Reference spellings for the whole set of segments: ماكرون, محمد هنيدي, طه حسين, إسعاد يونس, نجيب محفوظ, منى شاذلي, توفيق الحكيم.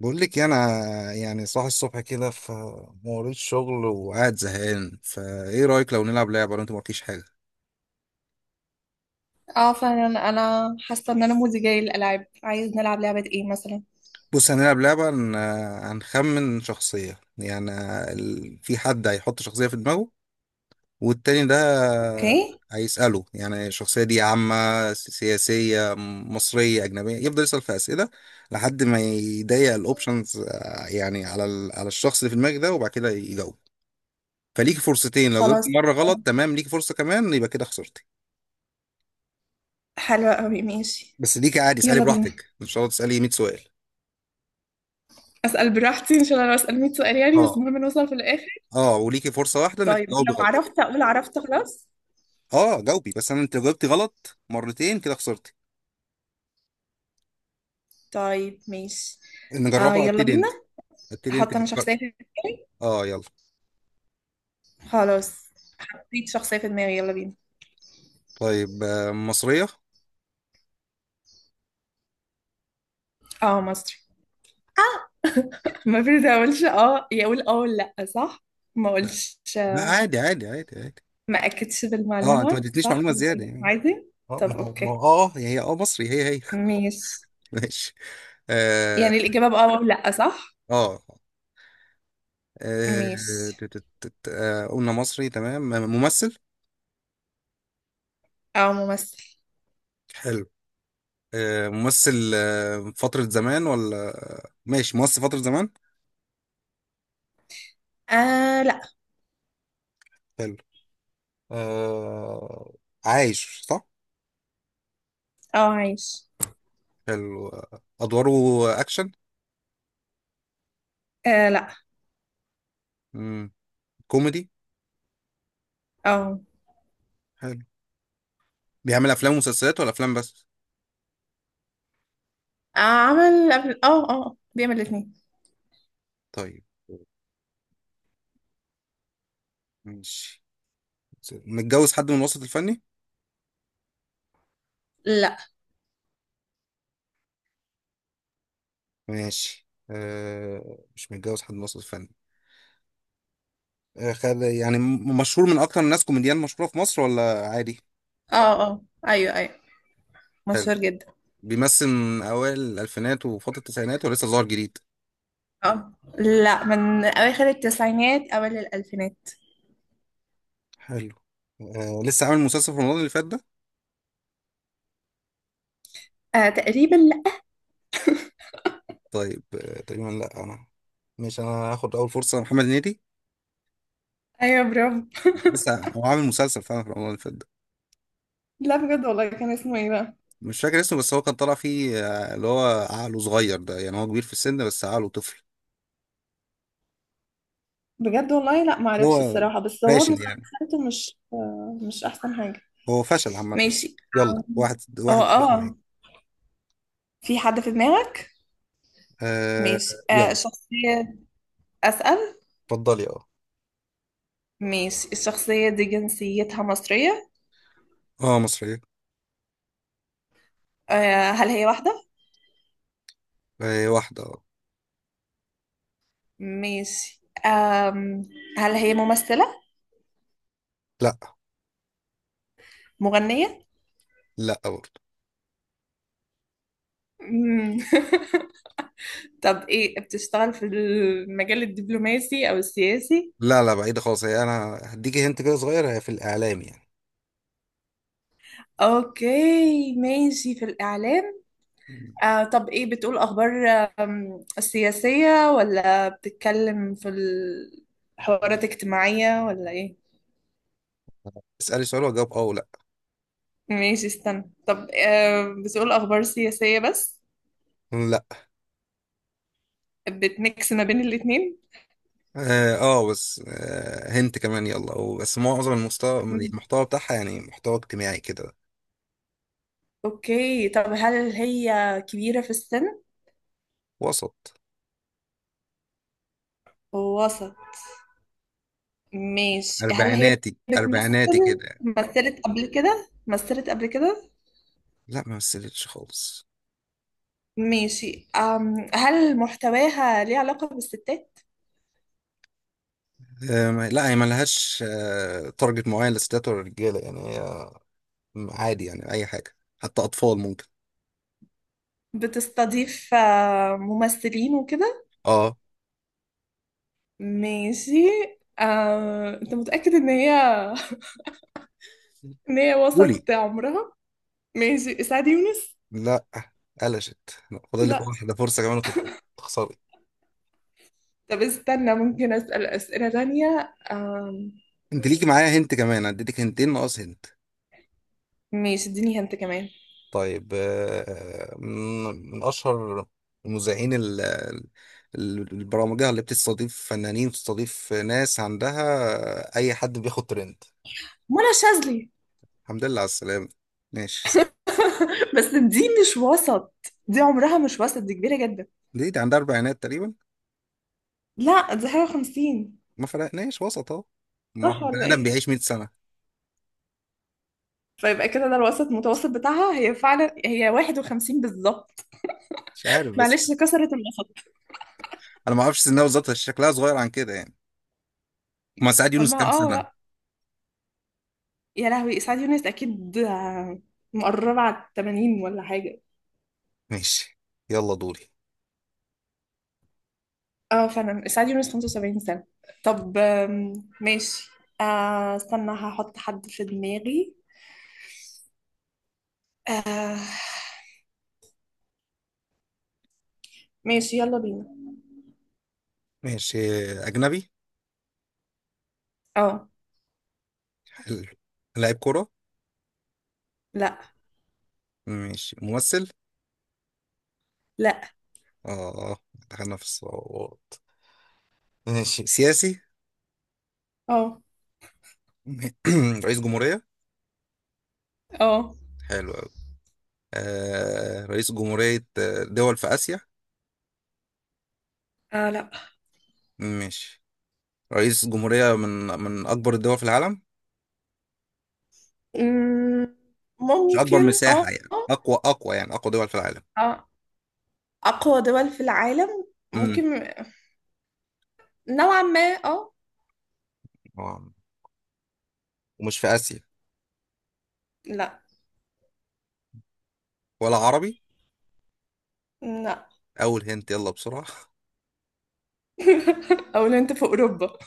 بقول لك إيه، انا يعني صاحي الصبح كده في موريت شغل وقاعد زهقان فايه رايك لو نلعب لعبه لو انت ما قلتيش حاجه. اه فعلا انا حاسه ان انا مودي جاي للالعاب، عايز نلعب لعبه ايه مثلا؟ بص هنلعب لعبه هنخمن شخصيه، يعني في حد هيحط شخصيه في دماغه والتاني ده اوكي. هيساله يعني الشخصيه دي عامه، سياسيه، مصريه، اجنبيه، يفضل يسال في اسئله لحد ما يضيق الاوبشنز، يعني على على الشخص اللي في دماغك ده وبعد كده يجاوب. فليك فرصتين لو جبت خلاص، مرة غلط، تمام، ليك فرصة كمان، يبقى كده خسرت. حلوه قوي، ماشي. بس ليكي عادي اسالي يلا بينا، براحتك، مش شرط تسالي 100 سؤال. اسال براحتي ان شاء الله، لو اسال 100 سؤال يعني بس اه. المهم نوصل في الاخر. اه وليكي فرصه واحده انك طيب تجاوبي لو غلط. عرفت اقول عرفت خلاص. اه جاوبي، بس انا انت لو جاوبتي غلط مرتين كده خسرتي. طيب ماشي. نجربها، يلا ابتدي بينا. انت. ابتدي انت احط انا فكر. شخصيه في دماغي. اه يلا. خلاص، حطيت شخصيه في دماغي يلا بينا. طيب مصريه. اه مصري. ما المفروض ما اقولش اه يقول اه ولا لا، صح؟ ما لا اقولش. لا عادي عادي عادي عادي. ما اكدش اه انت ما بالمعلومه اديتنيش صح معلومه ولا زياده إيه؟ يعني. عادي. اه طب ما هو ما اوكي. هو اه هي اه مصري هي. ميس. ماشي. اه. يعني الإجابة بأه أو لأ صح؟ اه ميس. قلنا مصري تمام. ممثل. أو ممثل. حلو. ممثل فترة زمان ولا. ماشي ممثل فترة زمان. لأ. حلو. آه... عايش صح. أو عايش. حلو أدواره. أكشن. لأ. مم. كوميدي. أو آه. حلو. بيعمل أفلام ومسلسلات ولا أفلام بس. عمل قبل، أه بيعمل الاتنين. طيب، ماشي. متجوز حد من الوسط الفني. لأ. ماشي مش متجوز حد من الوسط الفني. آه خد... يعني مشهور من أكتر الناس كوميديان مشهورة في مصر ولا عادي. أه أه أيوه، حلو. مشهور جدا. بيمثل من أوائل الألفينات وفترة التسعينات ولسه ظاهر جديد. أه لأ، من أواخر التسعينات أوائل الألفينات. حلو. لسه عامل مسلسل في رمضان اللي فات ده. آه تقريبا لأ. طيب آه تقريبا لا انا، مش انا هاخد اول فرصه، محمد هنيدي. أيوه برافو. لسه هو عامل مسلسل فعلا في رمضان اللي فات ده. لا بجد والله، كان اسمه إيه بقى؟ مش فاكر اسمه، بس هو كان طالع فيه اللي هو عقله صغير ده، يعني هو كبير في السن بس عقله طفل. بجد والله لأ معرفش هو الصراحة، بس هو فاشل يعني، مسلسلاته مش مش أحسن حاجة. هو فشل عامه. ماشي. يلا، واحد أه واحد صفر. أه في حد في دماغك. آه ماشي، آه يلا. الشخصية. أسأل. اتفضلي اه. ماشي، الشخصية دي جنسيتها مصرية. اه مصريه. آه، هل هي واحدة؟ آه واحده اه. ماشي. آم، هل هي ممثلة؟ لا. مغنية. لا برضه. مم. طب إيه، بتشتغل في المجال الدبلوماسي أو السياسي؟ لا لا بعيدة خالص، هي انا هديكي هنت كده صغير، هي في الاعلام أوكي ماشي، في الإعلام. يعني. آه طب إيه، بتقول أخبار؟ آم، السياسية، ولا بتتكلم في الحوارات الاجتماعية ولا إيه؟ اسألي سؤال واجاوب اه ولا. ماشي استنى. طب آه بتقول أخبار سياسية بس؟ لا. بتميكس ما بين الاتنين؟ اه آه، بس آه هنت كمان يلا، أو بس معظم المستوى مم. المحتوى بتاعها يعني محتوى اجتماعي كده. أوكي. طب هل هي كبيرة في السن؟ وسط. وسط. ماشي، هل هي اربعيناتي اربعيناتي بتمثل؟ كده يعني. مثلت قبل كده؟ لا ما مثلتش خالص. ماشي أم، هل محتواها ليه علاقة بالستات؟ آه لا هي ما لهاش تارجت معين للستات ولا للرجاله، يعني هي عادي يعني اي حاجه، حتى اطفال ممكن. بتستضيف آه، ممثلين وكده؟ اه. ماشي. أم... أنت متأكد إن هي إن هي قولي. وسط عمرها؟ ماشي إسعاد يونس؟ لا قلشت. لا، فاضل لك لا. واحده فرصه كمان وتبقى تخسري. طب استنى، ممكن أسأل أسئلة تانية؟ أم... انت ليكي معايا هنت كمان، اديتك هنتين ناقص هنت. ماشي، اديني هنت كمان. طيب آه، من أشهر المذيعين البرامجية اللي بتستضيف فنانين، بتستضيف ناس عندها أي حد بياخد ترند. منى شاذلي. الحمد لله على السلامة. ماشي صح. بس دي مش وسط، دي عمرها مش وسط، دي كبيرة جدا. دي عندها أربعينات تقريبا. لا دي حاجة وخمسين. ما فرقناش، وسط أهو، ما هو صح البني ولا آدم ايه؟ بيعيش 100 سنة. فيبقى كده ده الوسط المتوسط بتاعها، هي فعلا هي واحد وخمسين بالظبط. مش عارف بس، معلش كسرت الوسط. أنا ما أعرفش سنها بالظبط بس شكلها صغير عن كده يعني. ما سعد يونس أما كام اه سنة. بقى، يا لهوي إسعاد يونس أكيد آه، مقربة على التمانين ولا حاجة. ماشي، يلا دوري. اه فعلا اسعاد يونس 75 سنة. طب آم، ماشي. آه استنى، هحط حد في دماغي. آه ماشي يلا بينا. ماشي. أجنبي. اه. حلو. لاعب كورة. لا ماشي. ممثل. لا. اه. دخلنا في الصعوبات. ماشي. سياسي. اه رئيس جمهورية. اه حلو أوي. آه رئيس جمهورية دول في آسيا. اه لا. ماشي. رئيس جمهورية من أكبر الدول في العالم. مم، مش أكبر ممكن. اه مساحة، يعني اه أقوى، أقوى دول في العالم. آه. اقوى دول في العالم؟ امم ممكن، نوعا ما. اه. آه، ومش في آسيا، لا. ولا عربي. لا أول هنت يلا بسرعة. او لو انت في اوروبا.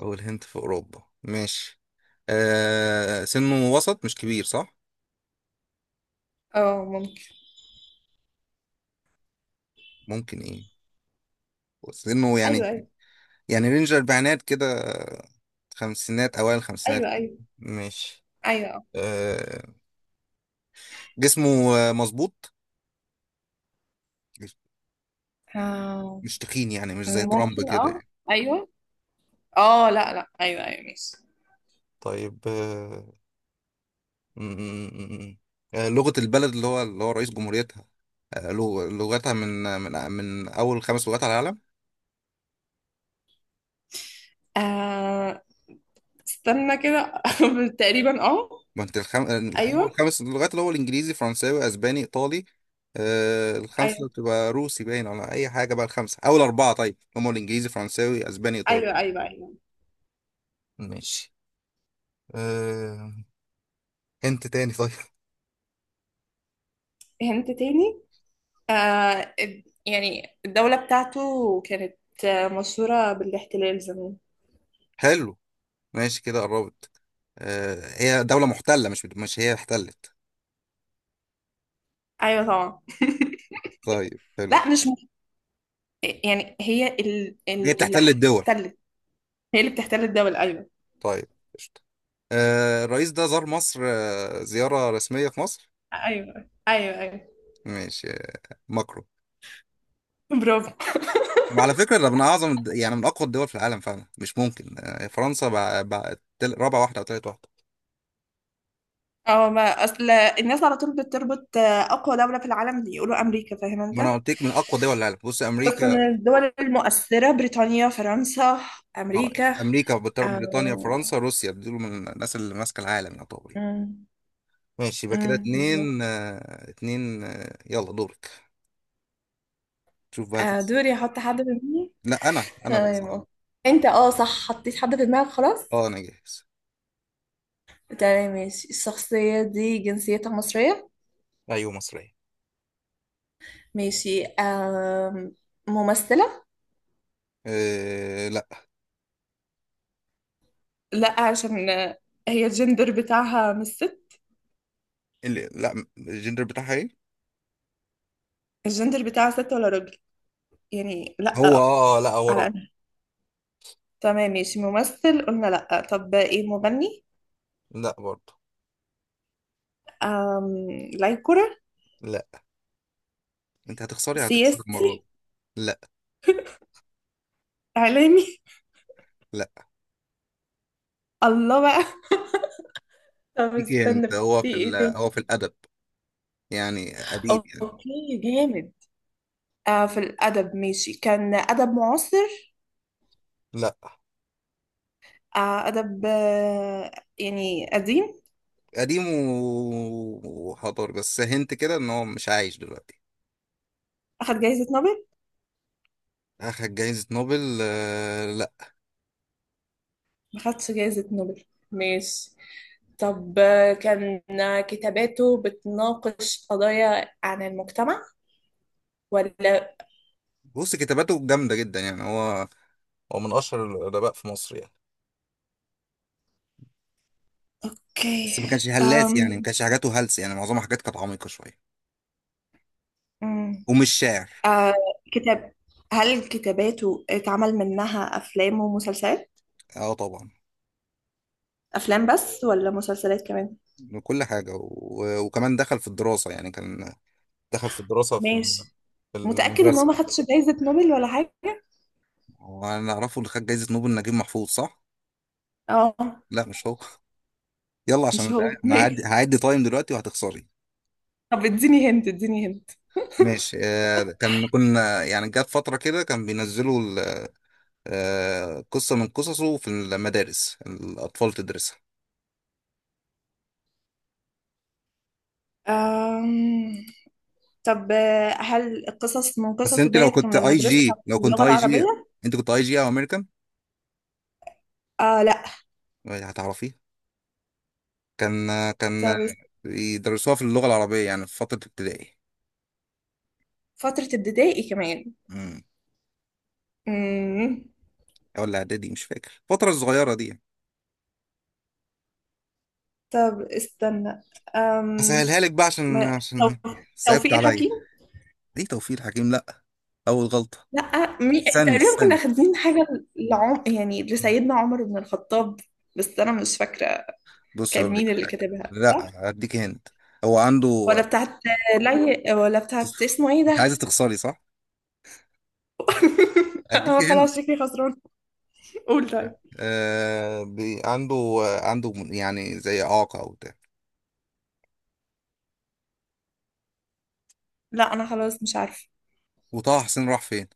أول هنت في أوروبا. ماشي. آه سنه وسط مش كبير صح؟ اه ممكن. ممكن إيه، سنه يعني، ايوه ايوه يعني رينج الأربعينات كده، خمسينات، أوائل الخمسينات. ايوه ايوه ماشي. ايوه آه. جسمه مظبوط، اه. مش تخين يعني، مش آه، زي ترامب ممكن كده اه. يعني. ايوه. لا ايوه ماشي. طيب آه م- م- م- لغة البلد اللي هو رئيس جمهوريتها، لغتها من أول خمس لغات على العالم. آه استنى كده تقريبا اه. ما أنت الخم... أول ايوه خمس لغات، اللي هو الإنجليزي، فرنساوي، أسباني، إيطالي الخمسة ايوه اللي بتبقى روسي باين ولا أي حاجة بقى، الخمسة، أول أربعة طيب هم الإنجليزي، فرنساوي، أسباني، إيطالي. ايوه ايوه ايوه ماشي. آه... انت تاني. طيب. هنت تاني. يعني الدولة بتاعته كانت آه، مشهورة بالاحتلال زمان. حلو. ماشي كده قربت. آه... هي دولة محتلة، مش هي احتلت. ايوه طبعا. طيب حلو. لا مش م... يعني هي هي اللي بتحتل الدول. احتلت. هي اللي بتحتل الدولة ايوه. طيب، قشطة. آه... الرئيس ده زار مصر آه... زيارة رسمية في مصر. ايوه ماشي ماكرون. برافو. وعلى فكرة ده من أعظم يعني من أقوى الدول في العالم فعلا، مش ممكن فرنسا بقى رابع واحدة أو تالت واحدة. اه ما اصل الناس على طول بتربط آه، اقوى دولة في العالم يقولوا امريكا، فاهم انت. ما أنا قلت لك من أقوى دول العالم، بص بس من أمريكا. الدول المؤثرة بريطانيا فرنسا اه. أمريكا. أمريكا بريطانيا، آه. فرنسا، روسيا، دول من الناس اللي ماسكة العالم يعتبر. أمم، ماشي، يبقى كده أمم، اتنين بالظبط. يلا دورك. شوف بقى آه هتسأل. دوري، أحط حد في دماغي. لا انا بقى تمام صح. أوكي. أنت صح حطيت حد في دماغك خلاص. اه انا جاهز. تمام ماشي، الشخصية دي جنسيتها مصرية. ايوه مصرية. ماشي آه، ممثلة. أه لا. لا عشان هي الجندر بتاعها مش ست. اللي لا، الجندر بتاعها ايه. الجندر بتاعها ست ولا راجل؟ يعني هو لا. اه لا هو على راجل. أنا. تمام ماشي، ممثل قلنا لا، طب إيه، مغني؟ لا برضه. آم... لا يكرة. لا، انت هتخسري، هتخسري المرة دي. سياسي. لا. اعلامي. لا. الله بقى. طب ليكي استنى، انت، هو في في ال... ايه تاني؟ هو في الادب، يعني قديم يعني. اوكي جامد. آه في الادب ماشي، كان ادب معاصر؟ لا، آه ادب آه يعني قديم. قديم و- وحضاري، بس هنت كده ان هو مش عايش دلوقتي. اخد جائزة نوبل؟ اخد جايزة نوبل لا. ما خدش جائزة نوبل. ماشي. طب آه، كان آه، كتاباته بتناقش قضايا عن المجتمع ولا؟ بص كتاباته جامدة جدا يعني، هو من اشهر الادباء في مصر يعني. بس اوكي. ما كانش هلاس أم... يعني، ما كانش حاجاته هلس يعني، معظمها حاجات كانت عميقة شوية. أم، ومش شاعر. آه كتاب. هل كتاباته اتعمل منها افلام ومسلسلات؟ اه طبعا، افلام بس ولا مسلسلات كمان؟ من كل حاجة و... وكمان دخل في الدراسة يعني، كان دخل في الدراسة ماشي. في متأكد ان هو المدرسة. ما خدش جايزة نوبل ولا حاجة؟ وانا اعرفه اللي خد جايزة نوبل نجيب محفوظ صح؟ اه. لا مش هو. يلا عشان مش أنا زهقان. هو انا هعدي ماشي، هعدي تايم دلوقتي وهتخسري. طب اديني هنت، ماشي كان كنا يعني، جت فترة كده كان بينزلوا قصة من قصصه في المدارس الأطفال تدرسها. أم... طب آه، هل القصص من بس قصصه انت لو ديت كنت كنا اي بندرسها جي، لو في كنت اللغة اي جي العربية؟ انت كنت اي جي او امريكان آه لا. هتعرفيه. كان طب است-، يدرسوها في اللغه العربيه يعني في فتره ابتدائي. فترة ابتدائي كمان. امم مم. ولا اعدادي، مش فاكر الفتره الصغيره دي. طب استنى، أم... هسهلها لك بقى عشان ما... عشان تو- صعبت توفيق عليا. الحكيم. ليه توفيق الحكيم لا، اول غلطه. لا مي... استني تقريبا كنا استني خادين حاجة لعم... يعني لسيدنا عمر بن الخطاب، بس أنا مش فاكرة. بص كان اقول مين لك اللي حاجه، كاتبها صح؟ لا اديك هند. هو عنده. ولا بتاعت لي، ولا بتاعت اسمه ايه ده؟ انت عايزه تخسري صح. اديك أنا هند. خلاص شكلي خسران. قول طيب. آه... بي... عنده، عنده يعني زي اعاقه او بتاع. لا أنا خلاص مش عارفة. وطه حسين راح فين؟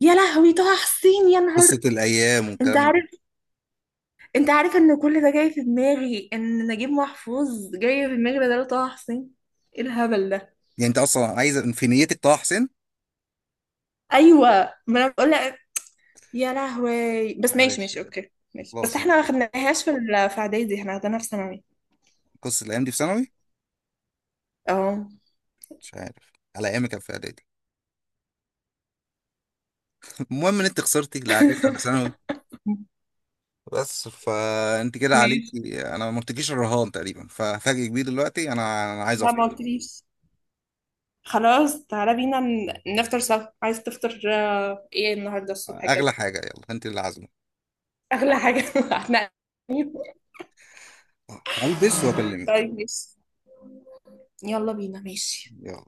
يا لهوي طه حسين، يا قصة نهار. الأيام انت والكلام ده. عارف، ان كل ده جاي في دماغي، ان نجيب محفوظ جاي في دماغي بدل طه حسين. ايه الهبل ده. يعني أنت أصلا عايز في نيتك طه حسين. ايوه ما انا بقول. يا لهوي، بس ماشي معلش ماشي بقى. اوكي ماشي، بس خلاص أنت احنا ما كده. خدناهاش في اعدادي، احنا خدناها في ثانوي. قصة الأيام دي في ثانوي. اه مش عارف، على أيامي كان في إعدادي. المهم إن أنت خسرتي، لا إعدادي ولا ثانوي. بس فأنت كده ماشي. عليكي، أنا ما قلتلكيش الرهان تقريبا، ففاجئ كبير دلوقتي، أنا عايز لا ما أفطر. قلتليش. خلاص تعالى بينا ن- نفطر سوا، عايز تفطر آه، ايه النهارده الصبح أغلى كده؟ حاجة، يلا أنت اللي عازمة. اغلى حاجه هتنقل. هلبس وأكلمك. طيب ماشي، يلا بينا ماشي. يلا.